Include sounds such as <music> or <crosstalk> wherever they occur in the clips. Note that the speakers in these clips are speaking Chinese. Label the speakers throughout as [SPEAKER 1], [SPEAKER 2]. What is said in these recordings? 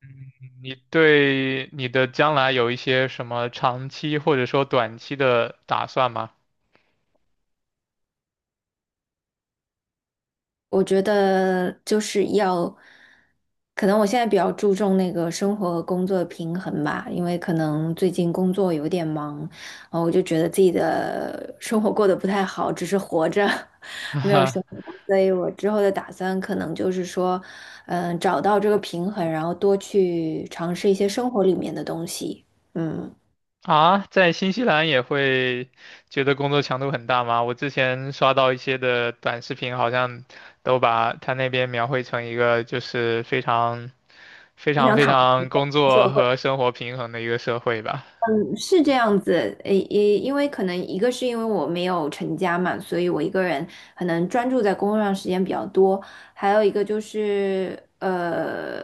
[SPEAKER 1] 嗯，你对你的将来有一些什么长期或者说短期的打算吗？
[SPEAKER 2] 我觉得就是要，可能我现在比较注重那个生活和工作的平衡吧，因为可能最近工作有点忙，然后我就觉得自己的 <laughs> 生活过得不太好，只是活着，<laughs> 没有生
[SPEAKER 1] <laughs>
[SPEAKER 2] 活，所以我之后的打算可能就是说，嗯，找到这个平衡，然后多去尝试一些生活里面的东西，嗯，
[SPEAKER 1] 啊，在新西兰也会觉得工作强度很大吗？我之前刷到一些的短视频，好像都把他那边描绘成一个就是非常、非
[SPEAKER 2] 经
[SPEAKER 1] 常、
[SPEAKER 2] 常
[SPEAKER 1] 非
[SPEAKER 2] 躺。会。
[SPEAKER 1] 常工
[SPEAKER 2] 就
[SPEAKER 1] 作和生活平衡的一个社会吧。
[SPEAKER 2] 是这样子，诶，也因为可能一个是因为我没有成家嘛，所以我一个人可能专注在工作上时间比较多，还有一个就是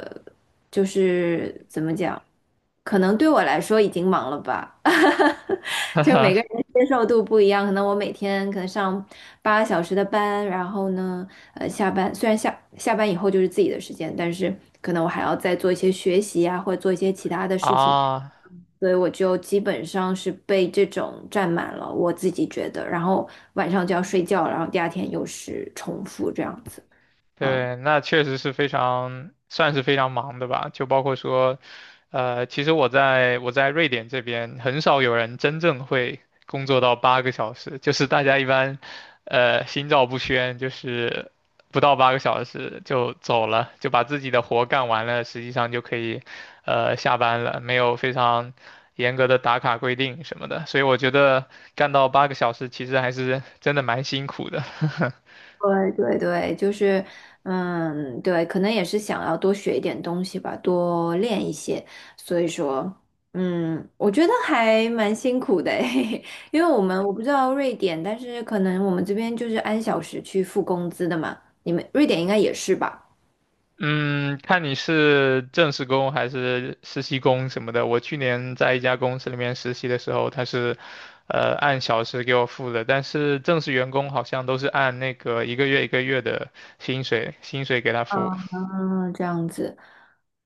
[SPEAKER 2] 就是怎么讲，可能对我来说已经忙了吧，<laughs> 就每个
[SPEAKER 1] <laughs>
[SPEAKER 2] 人接受度不一样，可能我每天可能上8个小时的班，然后呢，下班虽然下班以后就是自己的时间，但是可能我还要再做一些学习啊，或者做一些其他的事情。
[SPEAKER 1] 啊，
[SPEAKER 2] 所以我就基本上是被这种占满了，我自己觉得，然后晚上就要睡觉，然后第二天又是重复这样子。嗯，
[SPEAKER 1] 对，那确实是非常，算是非常忙的吧。就包括说，其实我在瑞典这边，很少有人真正会工作到八个小时，就是大家一般，心照不宣，就是不到八个小时就走了，就把自己的活干完了，实际上就可以，下班了，没有非常严格的打卡规定什么的。所以我觉得干到八个小时，其实还是真的蛮辛苦的。<laughs>
[SPEAKER 2] 对对对，就是，嗯，对，可能也是想要多学一点东西吧，多练一些，所以说，嗯，我觉得还蛮辛苦的诶，<laughs> 因为我不知道瑞典，但是可能我们这边就是按小时去付工资的嘛，你们瑞典应该也是吧？
[SPEAKER 1] 嗯，看你是正式工还是实习工什么的。我去年在一家公司里面实习的时候，他是，按小时给我付的，但是正式员工好像都是按那个一个月一个月的薪水给他付。
[SPEAKER 2] 嗯，这样子。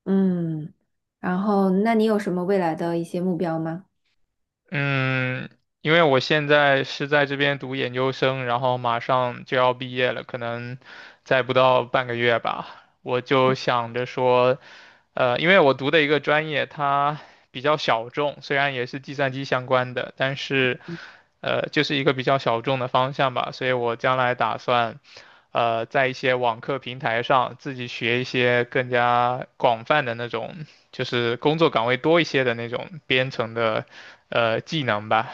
[SPEAKER 2] 嗯，然后那你有什么未来的一些目标吗？
[SPEAKER 1] 嗯，因为我现在是在这边读研究生，然后马上就要毕业了，可能再不到半个月吧，我就想着说，因为我读的一个专业它比较小众，虽然也是计算机相关的，但是。就是一个比较小众的方向吧，所以我将来打算，在一些网课平台上自己学一些更加广泛的那种，就是工作岗位多一些的那种编程的，技能吧。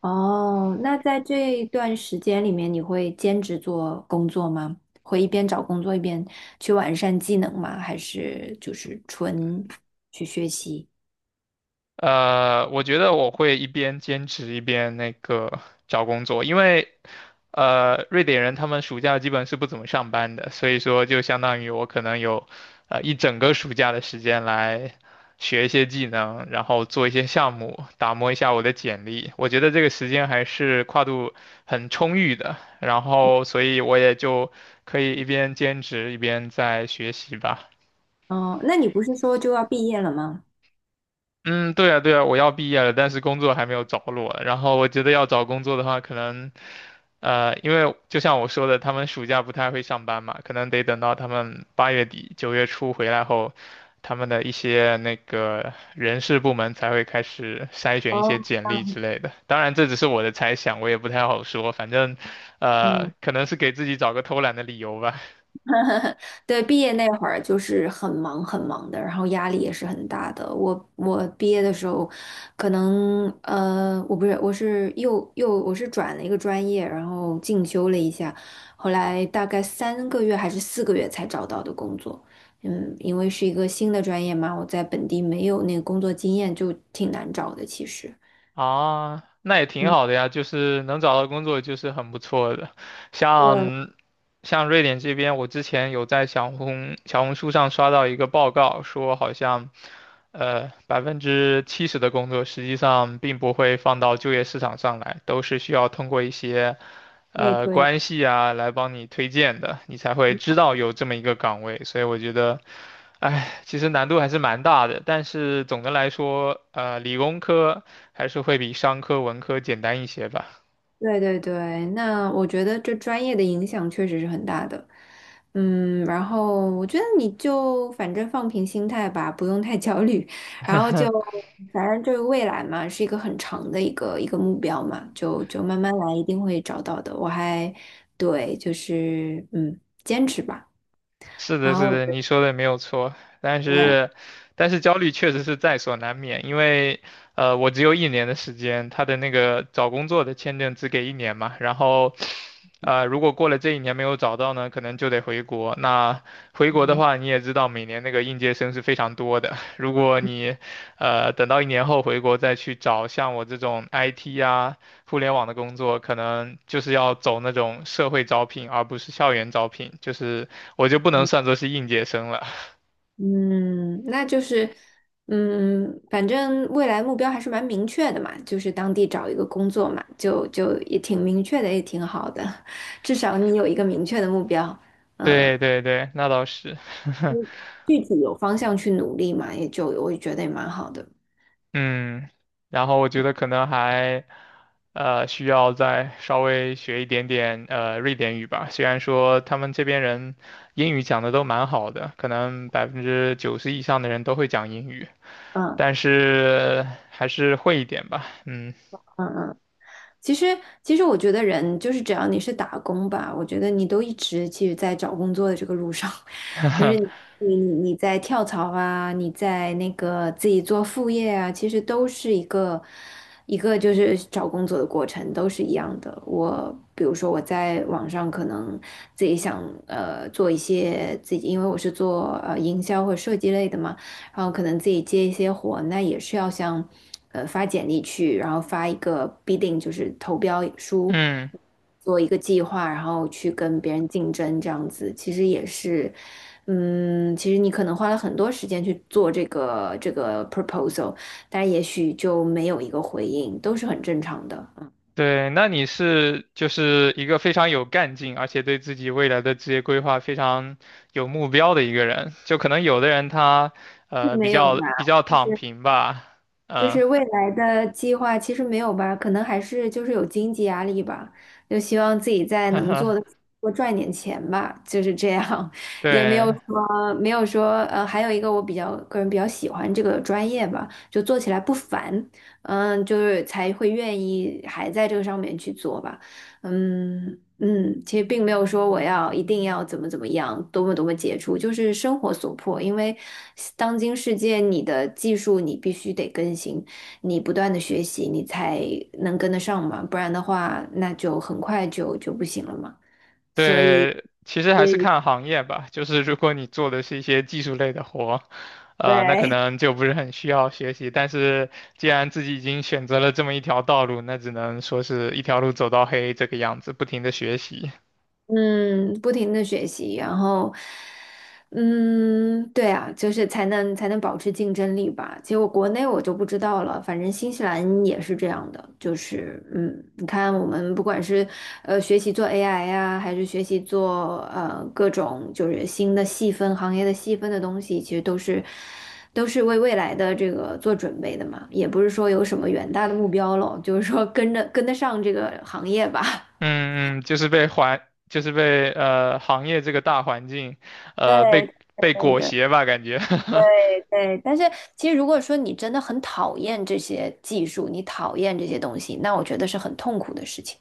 [SPEAKER 2] 哦，那在这一段时间里面，你会兼职做工作吗？会一边找工作一边去完善技能吗？还是就是纯去学习？
[SPEAKER 1] 我觉得我会一边兼职一边那个找工作，因为瑞典人他们暑假基本是不怎么上班的，所以说就相当于我可能有一整个暑假的时间来学一些技能，然后做一些项目，打磨一下我的简历。我觉得这个时间还是跨度很充裕的，然后所以我也就可以一边兼职一边在学习吧。
[SPEAKER 2] 哦，那你不是说就要毕业了吗？
[SPEAKER 1] 嗯，对啊，对啊，我要毕业了，但是工作还没有着落。然后我觉得要找工作的话，可能，因为就像我说的，他们暑假不太会上班嘛，可能得等到他们八月底、九月初回来后，他们的一些那个人事部门才会开始筛选一
[SPEAKER 2] 哦，
[SPEAKER 1] 些简历
[SPEAKER 2] 嗯
[SPEAKER 1] 之类的。当然，这只是我的猜想，我也不太好说。反正，
[SPEAKER 2] 嗯。
[SPEAKER 1] 可能是给自己找个偷懒的理由吧。
[SPEAKER 2] <laughs> 对，毕业那会儿就是很忙很忙的，然后压力也是很大的。我毕业的时候，可能我不是，我是又又我是转了一个专业，然后进修了一下，后来大概3个月还是4个月才找到的工作。嗯，因为是一个新的专业嘛，我在本地没有那个工作经验，就挺难找的，其实。
[SPEAKER 1] 啊，那也挺
[SPEAKER 2] 嗯，
[SPEAKER 1] 好的呀，就是能找到工作就是很不错的。
[SPEAKER 2] 我
[SPEAKER 1] 像像瑞典这边，我之前有在小红书上刷到一个报告，说好像百分之七十的工作实际上并不会放到就业市场上来，都是需要通过一些
[SPEAKER 2] 内推。
[SPEAKER 1] 关系啊来帮你推荐的，你才会知道有这么一个岗位。所以我觉得哎，其实难度还是蛮大的，但是总的来说，理工科还是会比商科、文科简单一些吧。
[SPEAKER 2] 对对对，那我觉得这专业的影响确实是很大的。嗯，然后我觉得你就反正放平心态吧，不用太焦虑，然后就反正这个未来嘛，是一个很长的一个目标嘛，就慢慢来，一定会找到的。我还对，就是嗯，坚持吧。
[SPEAKER 1] 是的，
[SPEAKER 2] 然后
[SPEAKER 1] 是
[SPEAKER 2] 我觉
[SPEAKER 1] 的，
[SPEAKER 2] 得
[SPEAKER 1] 你说的没有错，但
[SPEAKER 2] 对，
[SPEAKER 1] 是，但是焦虑确实是在所难免，因为，我只有一年的时间，他的那个找工作的签证只给一年嘛，然后，如果过了这一年没有找到呢，可能就得回国。那回国的
[SPEAKER 2] 嗯。
[SPEAKER 1] 话，你也知道，每年那个应届生是非常多的，如果你，等到一年后回国再去找像我这种 IT 啊、互联网的工作，可能就是要走那种社会招聘，而不是校园招聘，就是。我就不能算作是应届生了。<laughs>
[SPEAKER 2] 嗯，那就是，嗯，反正未来目标还是蛮明确的嘛，就是当地找一个工作嘛，就也挺明确的，也挺好的，<laughs> 至少你有一个明确的目标，嗯，
[SPEAKER 1] 对对对，那倒是，<laughs>
[SPEAKER 2] 具体有方向去努力嘛，也就我也觉得也蛮好的，
[SPEAKER 1] 嗯，然后我觉得可能还，需要再稍微学一点点瑞典语吧。虽然说他们这边人英语讲的都蛮好的，可能百分之九十以上的人都会讲英语，
[SPEAKER 2] 嗯
[SPEAKER 1] 但是还是会一点吧，嗯。
[SPEAKER 2] 嗯嗯。其实其实我觉得人就是只要你是打工吧，我觉得你都一直其实在找工作的这个路上，<laughs> 就是。
[SPEAKER 1] <laughs>
[SPEAKER 2] 你在跳槽啊，你在那个自己做副业啊，其实都是一个就是找工作的过程，都是一样的。我比如说我在网上可能自己想做一些自己，因为我是做营销或设计类的嘛，然后可能自己接一些活，那也是要像发简历去，然后发一个 bidding 就是投标书。
[SPEAKER 1] 嗯。
[SPEAKER 2] 做一个计划，然后去跟别人竞争，这样子其实也是，嗯，其实你可能花了很多时间去做这个 proposal，但也许就没有一个回应，都是很正常的，嗯，
[SPEAKER 1] 对，那你是就是一个非常有干劲，而且对自己未来的职业规划非常有目标的一个人。就可能有的人他
[SPEAKER 2] <laughs>
[SPEAKER 1] 比
[SPEAKER 2] 没有
[SPEAKER 1] 较
[SPEAKER 2] 吧？
[SPEAKER 1] 比较躺平吧，
[SPEAKER 2] 就
[SPEAKER 1] 嗯，
[SPEAKER 2] 是未来的计划其实没有吧，可能还是就是有经济压力吧，就希望自己在能做的
[SPEAKER 1] <laughs>
[SPEAKER 2] 多赚点钱吧，就是这样，<laughs> 也没有
[SPEAKER 1] 对
[SPEAKER 2] 说没有说呃，还有一个我比较个人比较喜欢这个专业吧，就做起来不烦，嗯，就是才会愿意还在这个上面去做吧。嗯嗯，其实并没有说我要一定要怎么怎么样，多么多么杰出，就是生活所迫。因为当今世界，你的技术你必须得更新，你不断的学习，你才能跟得上嘛，不然的话，那就很快就就不行了嘛。所以，
[SPEAKER 1] 对，其实还是
[SPEAKER 2] 对
[SPEAKER 1] 看行业吧。就是如果你做的是一些技术类的活，那可
[SPEAKER 2] 对，<laughs>
[SPEAKER 1] 能就不是很需要学习。但是既然自己已经选择了这么一条道路，那只能说是一条路走到黑这个样子，不停的学习。
[SPEAKER 2] 嗯，不停的学习，然后，嗯，对啊，就是才能保持竞争力吧。结果国内我就不知道了，反正新西兰也是这样的，就是嗯，你看我们不管是学习做 AI 呀、还是学习做各种就是新的细分行业的细分的东西，其实都是为未来的这个做准备的嘛，也不是说有什么远大的目标咯，就是说跟着跟得上这个行业吧。<laughs>
[SPEAKER 1] 嗯嗯，就是被环，就是被行业这个大环境，呃
[SPEAKER 2] 对
[SPEAKER 1] 被被
[SPEAKER 2] 对
[SPEAKER 1] 裹
[SPEAKER 2] 对
[SPEAKER 1] 挟吧，感觉。<laughs>
[SPEAKER 2] 对，但是其实如果说你真的很讨厌这些技术，你讨厌这些东西，那我觉得是很痛苦的事情。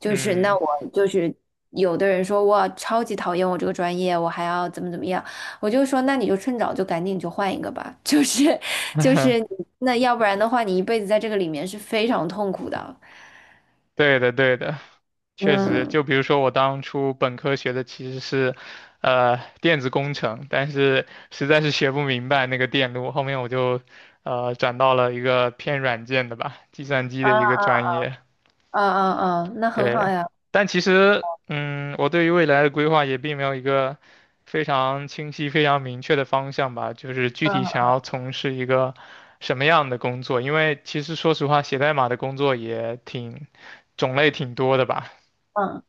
[SPEAKER 2] 就是那
[SPEAKER 1] 嗯，
[SPEAKER 2] 我就是有的人说哇，超级讨厌我这个专业，我还要怎么怎么样，我就说那你就趁早就赶紧就换一个吧。<laughs> 就是就是你
[SPEAKER 1] <laughs>
[SPEAKER 2] 那要不然的话，你一辈子在这个里面是非常痛苦的。
[SPEAKER 1] 对的对的，确实，
[SPEAKER 2] 嗯
[SPEAKER 1] 就比如说我当初本科学的其实是，电子工程，但是实在是学不明白那个电路，后面我就转到了一个偏软件的吧，计算机的一个
[SPEAKER 2] 啊
[SPEAKER 1] 专业。
[SPEAKER 2] 啊啊啊啊，那很好
[SPEAKER 1] 对，
[SPEAKER 2] 呀。
[SPEAKER 1] 但其实，嗯，我对于未来的规划也并没有一个非常清晰、非常明确的方向吧，就是具
[SPEAKER 2] 嗯
[SPEAKER 1] 体想要从事一个什么样的工作，因为其实说实话，写代码的工作也挺种类挺多的吧，
[SPEAKER 2] 嗯，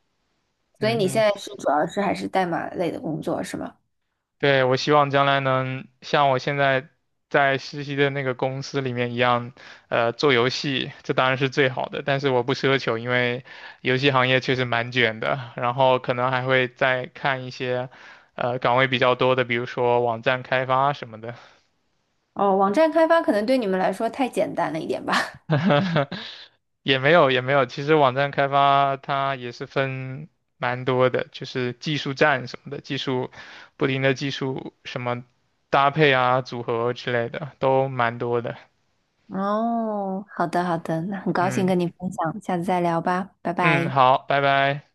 [SPEAKER 2] 所以你现
[SPEAKER 1] 嗯，
[SPEAKER 2] 在是主要是还是代码类的工作是吗？
[SPEAKER 1] 对，我希望将来能像我现在在实习的那个公司里面一样，做游戏，这当然是最好的。但是我不奢求，因为游戏行业确实蛮卷的。然后可能还会再看一些，岗位比较多的，比如说网站开发什么的。
[SPEAKER 2] 哦，网站开发可能对你们来说太简单了一点吧。<laughs>
[SPEAKER 1] <laughs> 也没有也没有，其实网站开发它也是分蛮多的，就是技术栈什么的，技术不停的技术什么搭配啊、组合之类的都蛮多的。
[SPEAKER 2] 哦，好的好的，那很高兴
[SPEAKER 1] 嗯
[SPEAKER 2] 跟你分享，下次再聊吧，拜
[SPEAKER 1] 嗯，
[SPEAKER 2] 拜。
[SPEAKER 1] 好，拜拜。